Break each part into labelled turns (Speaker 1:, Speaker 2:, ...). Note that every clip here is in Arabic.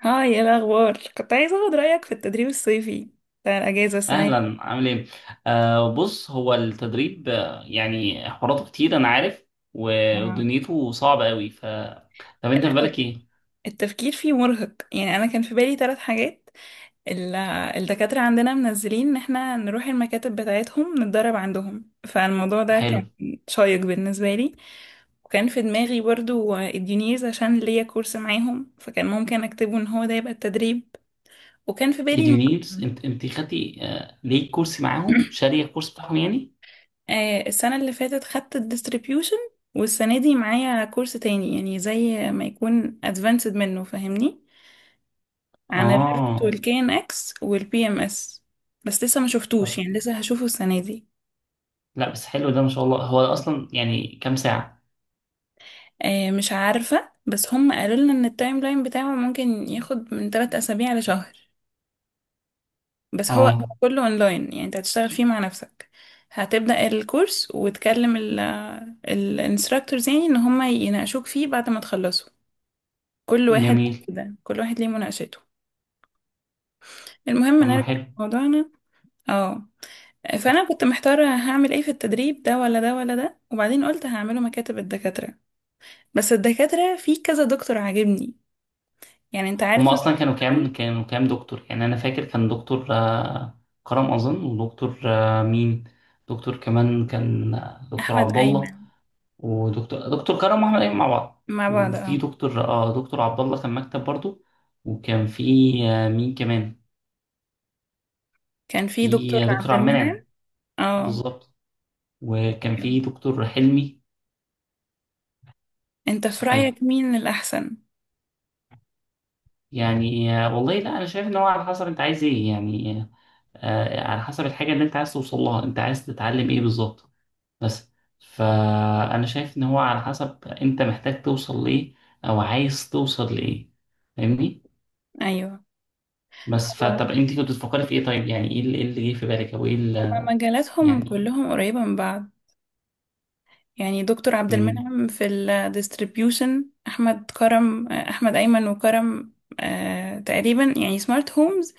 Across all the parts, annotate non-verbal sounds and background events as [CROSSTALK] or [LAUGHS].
Speaker 1: هاي، ايه الاخبار؟ كنت عايزه اخد رايك في التدريب الصيفي بتاع الاجازه السنه دي.
Speaker 2: اهلا، عامل ايه؟ آه، بص، هو التدريب، آه، يعني حواراته كتير انا عارف، و-
Speaker 1: آه.
Speaker 2: ودنيته صعبه قوي. ف طب انت في
Speaker 1: لا،
Speaker 2: بالك ايه؟
Speaker 1: التفكير فيه مرهق. يعني انا كان في بالي 3 حاجات. ال- الدكاتره عندنا منزلين ان احنا نروح المكاتب بتاعتهم نتدرب عندهم، فالموضوع ده
Speaker 2: حلو.
Speaker 1: كان شيق بالنسبه لي. وكان في دماغي برضو الديونيز، عشان ليا كورس معاهم، فكان ممكن اكتبه ان هو ده يبقى التدريب. وكان في بالي
Speaker 2: اليونيرز؟
Speaker 1: المقدم.
Speaker 2: انت خدتي ليه كورس معاهم؟ شاريه الكورس بتاعهم يعني؟
Speaker 1: السنة اللي فاتت خدت الديستريبيوشن، والسنة دي معايا كورس تاني، يعني زي ما يكون ادفانسد منه، فاهمني؟ عن الريفت
Speaker 2: اه.
Speaker 1: والكي ان اكس والبي ام اس. بس لسه ما
Speaker 2: طب
Speaker 1: شفتوش، يعني لسه هشوفه السنة دي.
Speaker 2: لا، بس حلو ده ما شاء الله. هو اصلا يعني كام ساعه؟
Speaker 1: مش عارفة، بس هم قالوا لنا ان التايم لاين بتاعه ممكن ياخد من 3 اسابيع لشهر. بس هو
Speaker 2: اه
Speaker 1: كله اونلاين، يعني انت هتشتغل فيه مع نفسك. هتبدأ الكورس وتكلم الانستراكتورز، يعني ان هم يناقشوك فيه بعد ما تخلصوا. كل واحد بقى
Speaker 2: جميل.
Speaker 1: كده، كل واحد ليه مناقشته. المهم
Speaker 2: طب ما
Speaker 1: نرجع
Speaker 2: حلو.
Speaker 1: لموضوعنا. اه. فانا كنت محتاره هعمل ايه في التدريب، ده ولا ده ولا ده، وبعدين قلت هعمله مكاتب الدكاتره. بس الدكاتره في كذا دكتور عاجبني. يعني انت
Speaker 2: هم
Speaker 1: عارف ان
Speaker 2: اصلا كانوا كانوا كام دكتور؟ يعني انا فاكر كان دكتور كرم اظن، ودكتور مين، دكتور كمان كان دكتور
Speaker 1: احمد
Speaker 2: عبد الله،
Speaker 1: ايمن
Speaker 2: ودكتور كرم واحمد ايمن مع بعض،
Speaker 1: مع بعض.
Speaker 2: وفي
Speaker 1: اه.
Speaker 2: دكتور اه دكتور عبد الله كان مكتب برضو. وكان في مين كمان،
Speaker 1: كان في
Speaker 2: في
Speaker 1: دكتور
Speaker 2: دكتور
Speaker 1: عبد
Speaker 2: عبد
Speaker 1: المنعم.
Speaker 2: المنعم.
Speaker 1: اه.
Speaker 2: بالظبط. وكان في
Speaker 1: أيوة.
Speaker 2: دكتور حلمي.
Speaker 1: انت في
Speaker 2: صحيح.
Speaker 1: رايك مين الاحسن؟
Speaker 2: يعني والله لا انا شايف ان هو على حسب انت عايز ايه يعني، على حسب الحاجه اللي انت عايز توصل لها، انت عايز تتعلم ايه بالظبط، بس. فأنا شايف إن هو على حسب أنت محتاج توصل لإيه أو عايز توصل لإيه، فاهمني؟
Speaker 1: ايوه.
Speaker 2: بس
Speaker 1: هو
Speaker 2: فطب أنت كنت بتفكري في إيه؟ طيب يعني إيه اللي جه في بالك، أو إيه
Speaker 1: هما
Speaker 2: اللي
Speaker 1: مجالاتهم
Speaker 2: يعني.
Speaker 1: كلهم قريبه من بعض. يعني دكتور عبد
Speaker 2: مم.
Speaker 1: المنعم في الديستريبيوشن، احمد كرم، احمد ايمن، وكرم. تقريبا يعني سمارت هومز.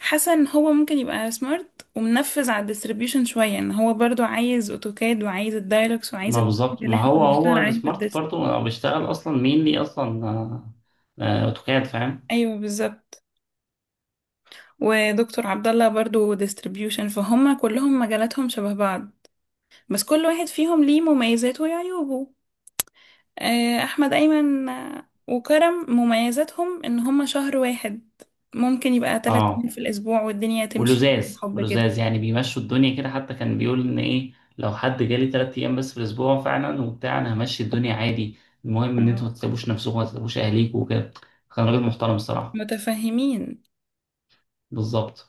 Speaker 1: حاسه ان هو ممكن يبقى سمارت ومنفذ على الديستريبيوشن شويه، ان هو برضو عايز اوتوكاد وعايز الدايلوكس وعايز
Speaker 2: ما
Speaker 1: البرامج
Speaker 2: بالظبط،
Speaker 1: اللي
Speaker 2: ما
Speaker 1: احنا
Speaker 2: هو
Speaker 1: بنشتغل عليها في
Speaker 2: السمارت
Speaker 1: الديست.
Speaker 2: برضه بيشتغل أصلا مين ليه أصلا أوتوكاد، فاهم؟
Speaker 1: ايوه، بالظبط. ودكتور عبد الله برضو ديستريبيوشن، فهم كلهم مجالاتهم شبه بعض. بس كل واحد فيهم ليه مميزاته وعيوبه. احمد ايمن وكرم مميزاتهم ان هم شهر واحد ممكن يبقى 3 ايام
Speaker 2: آه.
Speaker 1: في الاسبوع والدنيا تمشي.
Speaker 2: ولزاز
Speaker 1: حب كده.
Speaker 2: ولزاز يعني بيمشوا الدنيا كده، حتى كان بيقول ان ايه، لو حد جالي تلات ايام بس في الاسبوع فعلا وبتاع انا همشي الدنيا عادي. المهم ان انتوا ما
Speaker 1: آه،
Speaker 2: تسيبوش نفسكم، ما تسيبوش اهليكم وكده. كان راجل محترم الصراحه.
Speaker 1: متفهمين.
Speaker 2: بالظبط.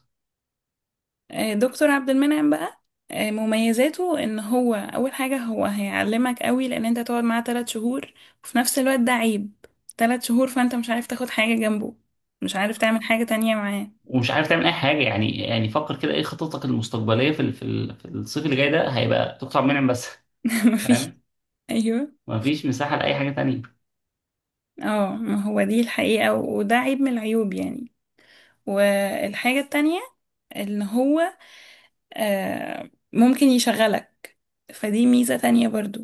Speaker 1: دكتور عبد المنعم بقى، مميزاته ان هو اول حاجة، هو هيعلمك قوي لان انت تقعد معاه 3 شهور. وفي نفس الوقت ده عيب، 3 شهور، فانت مش عارف تاخد حاجة جنبه، مش عارف تعمل حاجة تانية معاه.
Speaker 2: ومش عارف تعمل اي حاجه، يعني يعني فكر كده، ايه خططك المستقبليه في في الصيف اللي جاي ده؟ هيبقى تقطع منعم بس.
Speaker 1: [LAUGHS]
Speaker 2: [LAUGHS]
Speaker 1: مفيش.
Speaker 2: فاهم.
Speaker 1: ايوه.
Speaker 2: مفيش مساحه لاي حاجه تانية.
Speaker 1: اه، ما هو دي الحقيقة، وده عيب من العيوب يعني. والحاجة التانية ان هو ممكن يشغلك، فدي ميزة تانية برضو.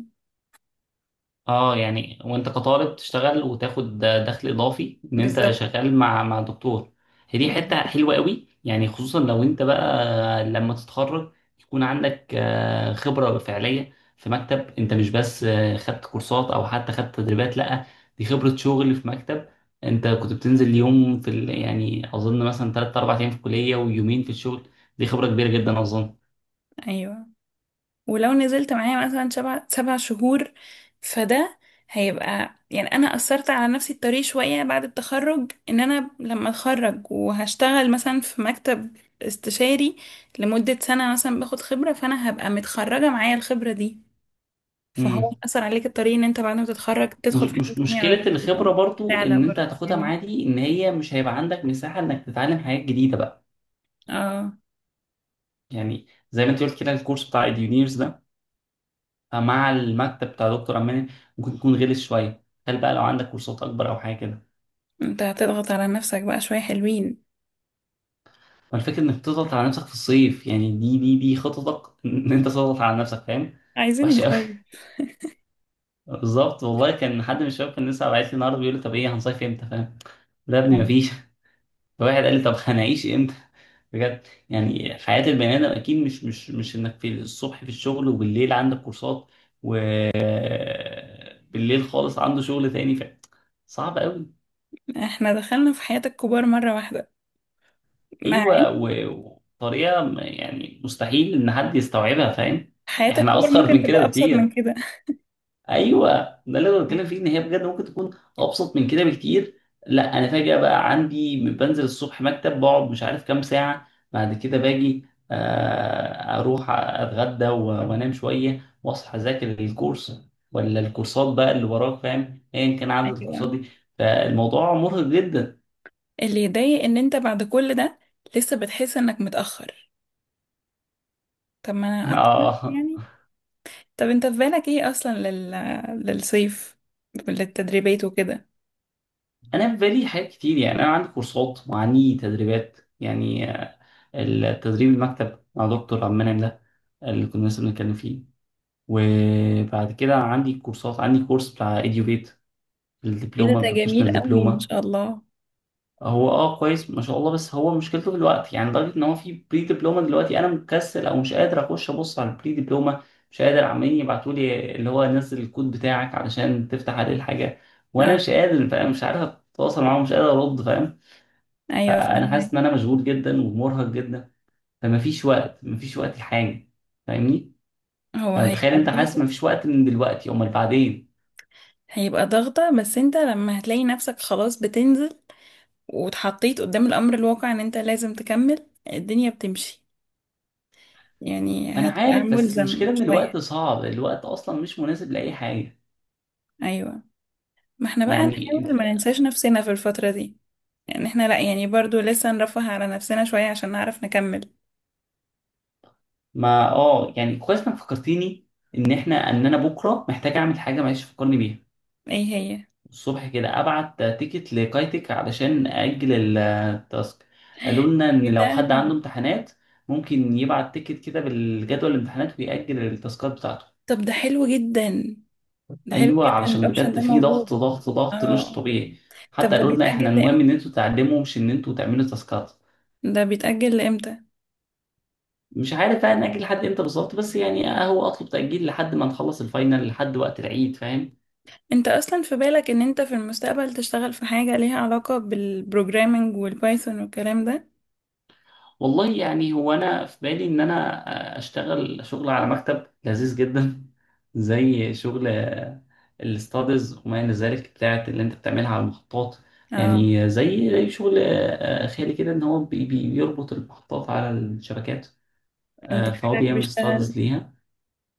Speaker 2: اه يعني وانت كطالب تشتغل وتاخد دخل اضافي، ان انت
Speaker 1: بالظبط.
Speaker 2: شغال مع دكتور. هي دي حته
Speaker 1: بالظبط.
Speaker 2: حلوه قوي يعني، خصوصا لو انت بقى لما تتخرج يكون عندك خبره فعليه في مكتب. انت مش بس خدت كورسات او حتى خدت تدريبات، لا، دي خبره شغل في مكتب. انت كنت بتنزل يوم في يعني اظن مثلا 3 4 ايام في الكليه ويومين في الشغل. دي خبره كبيره جدا اظن.
Speaker 1: ايوه، ولو نزلت معايا مثلا سبع شهور، فده هيبقى، يعني انا اثرت على نفسي الطريق شويه بعد التخرج. ان انا لما اتخرج وهشتغل مثلا في مكتب استشاري لمده سنه مثلا باخد خبره، فانا هبقى متخرجه معايا الخبره دي. فهو
Speaker 2: امم.
Speaker 1: اثر عليك الطريق، ان انت بعد ما تتخرج
Speaker 2: مش
Speaker 1: تدخل في حاجه
Speaker 2: مش
Speaker 1: تانية على
Speaker 2: مشكلة
Speaker 1: طول او
Speaker 2: الخبرة برضو
Speaker 1: تعلى
Speaker 2: إن أنت
Speaker 1: برضه
Speaker 2: هتاخدها
Speaker 1: يعني.
Speaker 2: معاه دي، إن هي مش هيبقى عندك مساحة إنك تتعلم حاجات جديدة بقى.
Speaker 1: اه.
Speaker 2: يعني زي ما أنت قلت كده، الكورس بتاع إديونيرز ده مع المكتب بتاع دكتور أمان ممكن يكون غلس شوية، هل بقى لو عندك كورسات أكبر أو حاجة كده.
Speaker 1: انت هتضغط على نفسك بقى شوية حلوين.
Speaker 2: فالفكرة إنك تضغط على نفسك في الصيف، يعني دي خططك إن أنت تضغط على نفسك، فاهم.
Speaker 1: عايزين
Speaker 2: وحشة أوي.
Speaker 1: نصيف.
Speaker 2: [LAUGHS] بالظبط، والله كان حد من الشباب كان لسه باعت لي النهارده بيقول لي طب إيه، هنصيف إمتى، فاهم؟ لا يا ابني، مفيش. [LAUGHS] فواحد قال لي طب هنعيش امتى؟ بجد، يعني حياة البني آدم أكيد مش إنك في الصبح في الشغل، وبالليل عندك كورسات، وبالليل خالص عنده شغل تاني. ف صعب أوي.
Speaker 1: احنا دخلنا في حياة الكبار مرة واحدة، مع إن
Speaker 2: أيوه. و- وطريقة يعني مستحيل إن حد يستوعبها، فاهم.
Speaker 1: حياة
Speaker 2: إحنا
Speaker 1: الكبار
Speaker 2: أصغر
Speaker 1: ممكن
Speaker 2: من كده
Speaker 1: تبقى أبسط من
Speaker 2: بكتير.
Speaker 1: كده.
Speaker 2: ايوه. ده اللي انا بتكلم فيه، ان هي بجد ممكن تكون ابسط من كده بكتير. لا انا فجاه بقى عندي، بنزل الصبح مكتب، بقعد مش عارف كام ساعه، بعد كده باجي اروح اتغدى و- وانام شويه واصحى اذاكر الكورس، ولا الكورسات بقى اللي وراك فاهم، ايا كان عدد الكورسات
Speaker 1: ايوه،
Speaker 2: دي. فالموضوع مرهق جدا.
Speaker 1: اللي يضايق ان انت بعد كل ده لسه بتحس انك متأخر. طب ما
Speaker 2: [LAUGHS]
Speaker 1: انا اقطع نفسي
Speaker 2: اه.
Speaker 1: يعني. طب انت في بالك ايه اصلا للصيف، للتدريبات وكده؟
Speaker 2: انا في بالي حاجات كتير، يعني انا عندي كورسات وعندي تدريبات، يعني التدريب المكتب مع دكتور عبد المنعم ده اللي كنا لسه بنتكلم فيه، وبعد كده عندي كورسات، عندي كورس بتاع اديوبيت،
Speaker 1: ايه ده
Speaker 2: الدبلومه
Speaker 1: ده جميل
Speaker 2: البروفيشنال
Speaker 1: قوي، ما
Speaker 2: دبلومه.
Speaker 1: شاء الله.
Speaker 2: هو اه كويس ما شاء الله، بس هو مشكلته في الوقت، يعني لدرجه ان هو في بري دبلومه دلوقتي انا مكسل او مش قادر اخش ابص على البري دبلومه. مش قادر، عمالين يبعتوا لي اللي هو نزل الكود بتاعك علشان تفتح عليه الحاجه وانا
Speaker 1: اه.
Speaker 2: مش قادر، فاهم؟ مش عارف اتواصل معاهم، مش قادر ارد، فاهم.
Speaker 1: ايوه،
Speaker 2: فانا
Speaker 1: فهمك.
Speaker 2: حاسس ان انا مشغول جدا ومرهق جدا، فمفيش وقت، مفيش وقت لحاجه، فاهمني؟
Speaker 1: هو
Speaker 2: فتخيل
Speaker 1: هيبقى
Speaker 2: انت، حاسس
Speaker 1: ضغطة.
Speaker 2: مفيش وقت من دلوقتي، امال بعدين.
Speaker 1: هيبقى ضغطة، بس انت لما هتلاقي نفسك خلاص بتنزل، واتحطيت قدام الأمر الواقع إن أنت لازم تكمل، الدنيا بتمشي، يعني
Speaker 2: انا
Speaker 1: هتبقى
Speaker 2: عارف، بس
Speaker 1: ملزم
Speaker 2: المشكله ان
Speaker 1: شوية.
Speaker 2: الوقت صعب، الوقت اصلا مش مناسب لاي حاجه.
Speaker 1: أيوة. ما احنا بقى
Speaker 2: يعني انت.
Speaker 1: نحاول ما ننساش نفسنا في الفترة دي. يعني احنا لأ، يعني برضو لسه نرفه على نفسنا شوية عشان نعرف نكمل.
Speaker 2: ما اه يعني كويس انك فكرتيني ان احنا ان انا بكره محتاج اعمل حاجه، معلش فكرني بيها.
Speaker 1: ايه هي؟
Speaker 2: الصبح كده ابعت تيكت لكايتك علشان اجل التاسك. قالوا لنا ان
Speaker 1: ايه ده؟
Speaker 2: لو حد عنده امتحانات ممكن يبعت تيكت كده بالجدول الامتحانات ويأجل التاسكات بتاعته.
Speaker 1: طب ده حلو جدا. ده حلو
Speaker 2: ايوه،
Speaker 1: جدا،
Speaker 2: علشان
Speaker 1: الأوبشن
Speaker 2: بجد
Speaker 1: ده
Speaker 2: في
Speaker 1: موجود.
Speaker 2: ضغط مش
Speaker 1: اه.
Speaker 2: طبيعي.
Speaker 1: طب
Speaker 2: حتى
Speaker 1: ده
Speaker 2: قالوا لنا احنا،
Speaker 1: بيتأجل
Speaker 2: المهم
Speaker 1: لإمتى
Speaker 2: ان انتوا تعلموا، مش ان انتوا تعملوا تاسكات.
Speaker 1: ده بيتأجل لإمتى
Speaker 2: مش عارف بقى نأجل لحد امتى بالظبط، بس يعني هو اطلب تأجيل لحد ما نخلص الفاينل، لحد وقت العيد، فاهم.
Speaker 1: انت اصلا في بالك ان انت في المستقبل تشتغل في حاجة ليها علاقة بالبروجرامينج والبايثون والكلام ده؟
Speaker 2: والله يعني هو انا في بالي ان انا اشتغل شغل على مكتب لذيذ جدا [LAUGHS] زي شغل الاستادز وما الى ذلك بتاعت اللي انت بتعملها على المحطات.
Speaker 1: اه.
Speaker 2: يعني زي شغل خيالي كده، ان هو بيربط المحطات على الشبكات،
Speaker 1: انت
Speaker 2: فهو
Speaker 1: خالك
Speaker 2: بيعمل
Speaker 1: بيشتغل؟
Speaker 2: استادز ليها.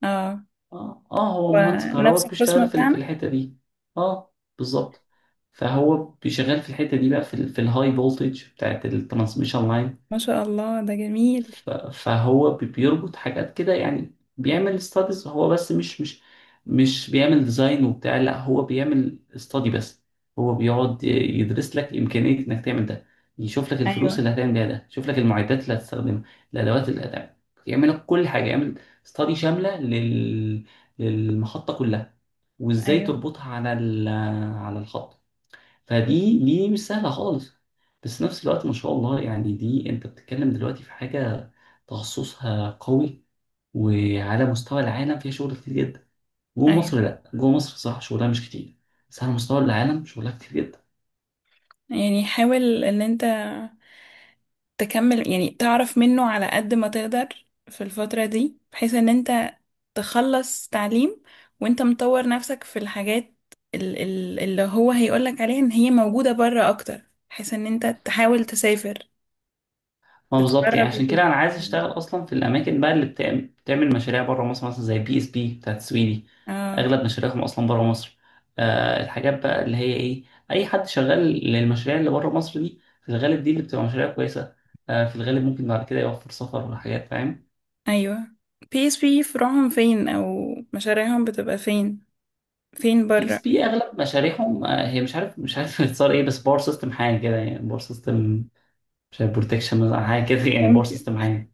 Speaker 1: اه.
Speaker 2: اه هو مهندس
Speaker 1: ونفس
Speaker 2: كهرباء
Speaker 1: القسم
Speaker 2: بيشتغل في في
Speaker 1: بتاعنا؟
Speaker 2: الحته دي. اه. بالظبط. فهو بيشتغل في الحته دي بقى، في، في الهاي فولتج بتاعت الترانسميشن لاين.
Speaker 1: ما شاء الله ده جميل.
Speaker 2: ف- فهو بيربط حاجات كده، يعني بيعمل ستاديز هو بس، مش بيعمل ديزاين وبتاع، لا هو بيعمل استادي بس. هو بيقعد يدرس لك إمكانية إنك تعمل ده، يشوف لك الفلوس
Speaker 1: ايوه،
Speaker 2: اللي هتعمل بيها ده، يشوف لك المعدات اللي هتستخدمها، الأدوات اللي هتعمل، يعمل لك كل حاجة، يعمل استادي شاملة للمحطة كلها، وإزاي
Speaker 1: ايوه،
Speaker 2: تربطها على على الخط. فدي مش سهلة خالص. بس في نفس الوقت ما شاء الله يعني، دي انت بتتكلم دلوقتي في حاجة تخصصها قوي، وعلى مستوى العالم فيها شغل كتير جدا. جوه مصر
Speaker 1: ايوه.
Speaker 2: لا، جوه مصر صح شغلها مش كتير، بس على مستوى العالم شغلها كتير جدا.
Speaker 1: يعني حاول ان انت تكمل، يعني تعرف منه على قد ما تقدر في الفترة دي، بحيث ان انت تخلص تعليم وانت مطور نفسك في الحاجات، اللي هو هيقولك عليها، ان هي موجودة بره اكتر، بحيث ان انت تحاول تسافر،
Speaker 2: ما بالظبط، يعني
Speaker 1: تتقرب.
Speaker 2: عشان كده انا عايز اشتغل اصلا في الاماكن بقى اللي بتعمل مشاريع بره مصر، مثلا زي بي اس بي بتاعت السويدي،
Speaker 1: اه.
Speaker 2: اغلب مشاريعهم اصلا بره مصر. آه، الحاجات بقى اللي هي ايه، اي حد شغال للمشاريع اللي بره مصر دي، في الغالب دي اللي بتبقى مشاريع كويسه، آه في الغالب ممكن بعد كده يوفر سفر وحاجات، فاهم.
Speaker 1: ايوه. بي اس بي فروعهم فين؟ او مشاريعهم بتبقى فين؟ فين
Speaker 2: بي
Speaker 1: بره؟
Speaker 2: اس بي اغلب مشاريعهم آه هي مش عارف، [LAUGHS] اتصار ايه، بس باور سيستم حاجه كده يعني، باور سيستم مش عارف بروتكشن مثلا حاجه كده يعني، باور
Speaker 1: ممكن.
Speaker 2: سيستم حاجه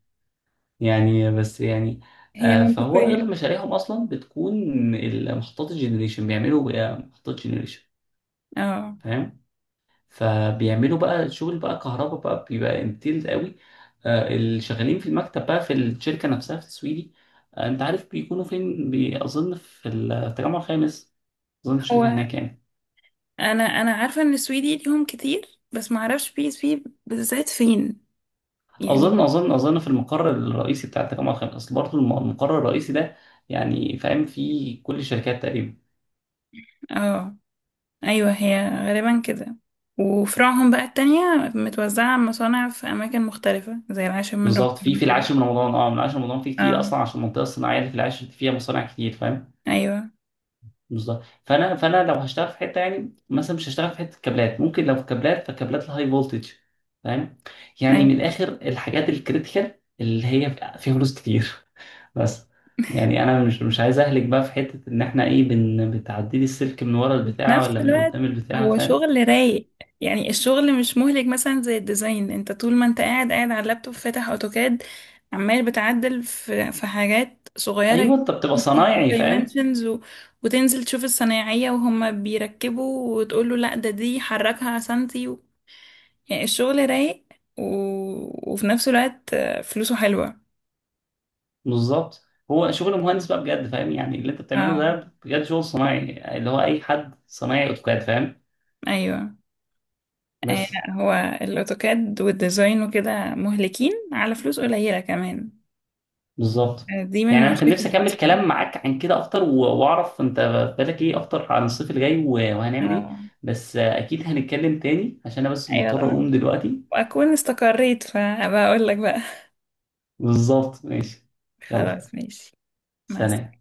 Speaker 2: يعني بس يعني.
Speaker 1: هي
Speaker 2: فهو
Speaker 1: منطقية.
Speaker 2: اغلب مشاريعهم اصلا بتكون المحطات الجنريشن، بيعملوا بقى محطات جنريشن،
Speaker 1: اه.
Speaker 2: فاهم. فبيعملوا بقى شغل بقى كهرباء بقى، بيبقى انتيلد قوي. اللي شغالين في المكتب بقى في الشركه نفسها في السويدي، انت عارف بيكونوا فين، اظن في التجمع الخامس، اظن الشركه
Speaker 1: هو
Speaker 2: هناك يعني.
Speaker 1: انا عارفة ان السويدي ليهم كتير، بس ما اعرفش بي اس بي بالذات فين، يعني.
Speaker 2: اظن في المقر الرئيسي بتاع التجمع الخامس، اصل برضه المقر الرئيسي ده يعني فاهم فيه كل الشركات تقريبا.
Speaker 1: اه، ايوه. هي غالبا كده. وفروعهم بقى التانية متوزعة على مصانع في أماكن مختلفة زي العاشر من
Speaker 2: بالظبط. في
Speaker 1: رمضان كده.
Speaker 2: العاشر من رمضان، اه من العاشر من رمضان في كتير
Speaker 1: اه.
Speaker 2: اصلا، عشان المنطقه الصناعيه اللي في العاشر فيها مصانع كتير، فاهم.
Speaker 1: أيوة.
Speaker 2: بالظبط. فانا لو هشتغل في حته، يعني مثلا مش هشتغل في حته كابلات، ممكن لو في كابلات فكابلات الهاي فولتج، فاهم. يعني من
Speaker 1: ايوه.
Speaker 2: الاخر الحاجات الكريتيكال اللي هي فيها فلوس كتير، [LAUGHS] بس يعني انا مش مش عايز اهلك بقى في حته ان احنا ايه، بن بتعدي لي السلك من ورا البتاع
Speaker 1: نفس
Speaker 2: ولا من
Speaker 1: الوقت،
Speaker 2: قدام البتاع،
Speaker 1: هو
Speaker 2: فاهم.
Speaker 1: شغل رايق. يعني الشغل مش مهلك مثلا زي الديزاين. انت طول ما انت قاعد قاعد على اللابتوب فاتح اوتوكاد، عمال بتعدل في حاجات صغيرة
Speaker 2: ايوه
Speaker 1: جدا،
Speaker 2: انت بتبقى
Speaker 1: وتظبط
Speaker 2: صنايعي، فاهم.
Speaker 1: دايمنشنز، و... وتنزل تشوف الصنايعية وهم بيركبوا وتقول له لا، ده دي حركها سنتي. و... يعني الشغل رايق، و... وفي نفس الوقت فلوسه حلوة.
Speaker 2: بالظبط. هو شغل مهندس بقى بجد فاهم، يعني اللي انت بتعمله
Speaker 1: اه،
Speaker 2: ده بجد شغل صناعي، اللي هو اي حد صنايعي اوتوكاد، فاهم.
Speaker 1: ايوه.
Speaker 2: بس.
Speaker 1: لا، هو الاوتوكاد والديزاين وكده مهلكين على فلوس قليلة كمان.
Speaker 2: بالظبط.
Speaker 1: دي من
Speaker 2: يعني انا كان نفسي
Speaker 1: مشاكل
Speaker 2: اكمل
Speaker 1: اصلا.
Speaker 2: كلام معاك عن كده اكتر، و- واعرف انت بالك ايه اكتر عن الصيف الجاي و- وهنعمل ايه،
Speaker 1: اه،
Speaker 2: بس اكيد هنتكلم تاني، عشان انا بس
Speaker 1: ايوه،
Speaker 2: مضطر
Speaker 1: طبعا.
Speaker 2: اقوم دلوقتي.
Speaker 1: واكون استقريت فبقول لك بقى.
Speaker 2: بالظبط، ماشي. يلا،
Speaker 1: خلاص، ماشي. مع
Speaker 2: سلام.
Speaker 1: السلامه.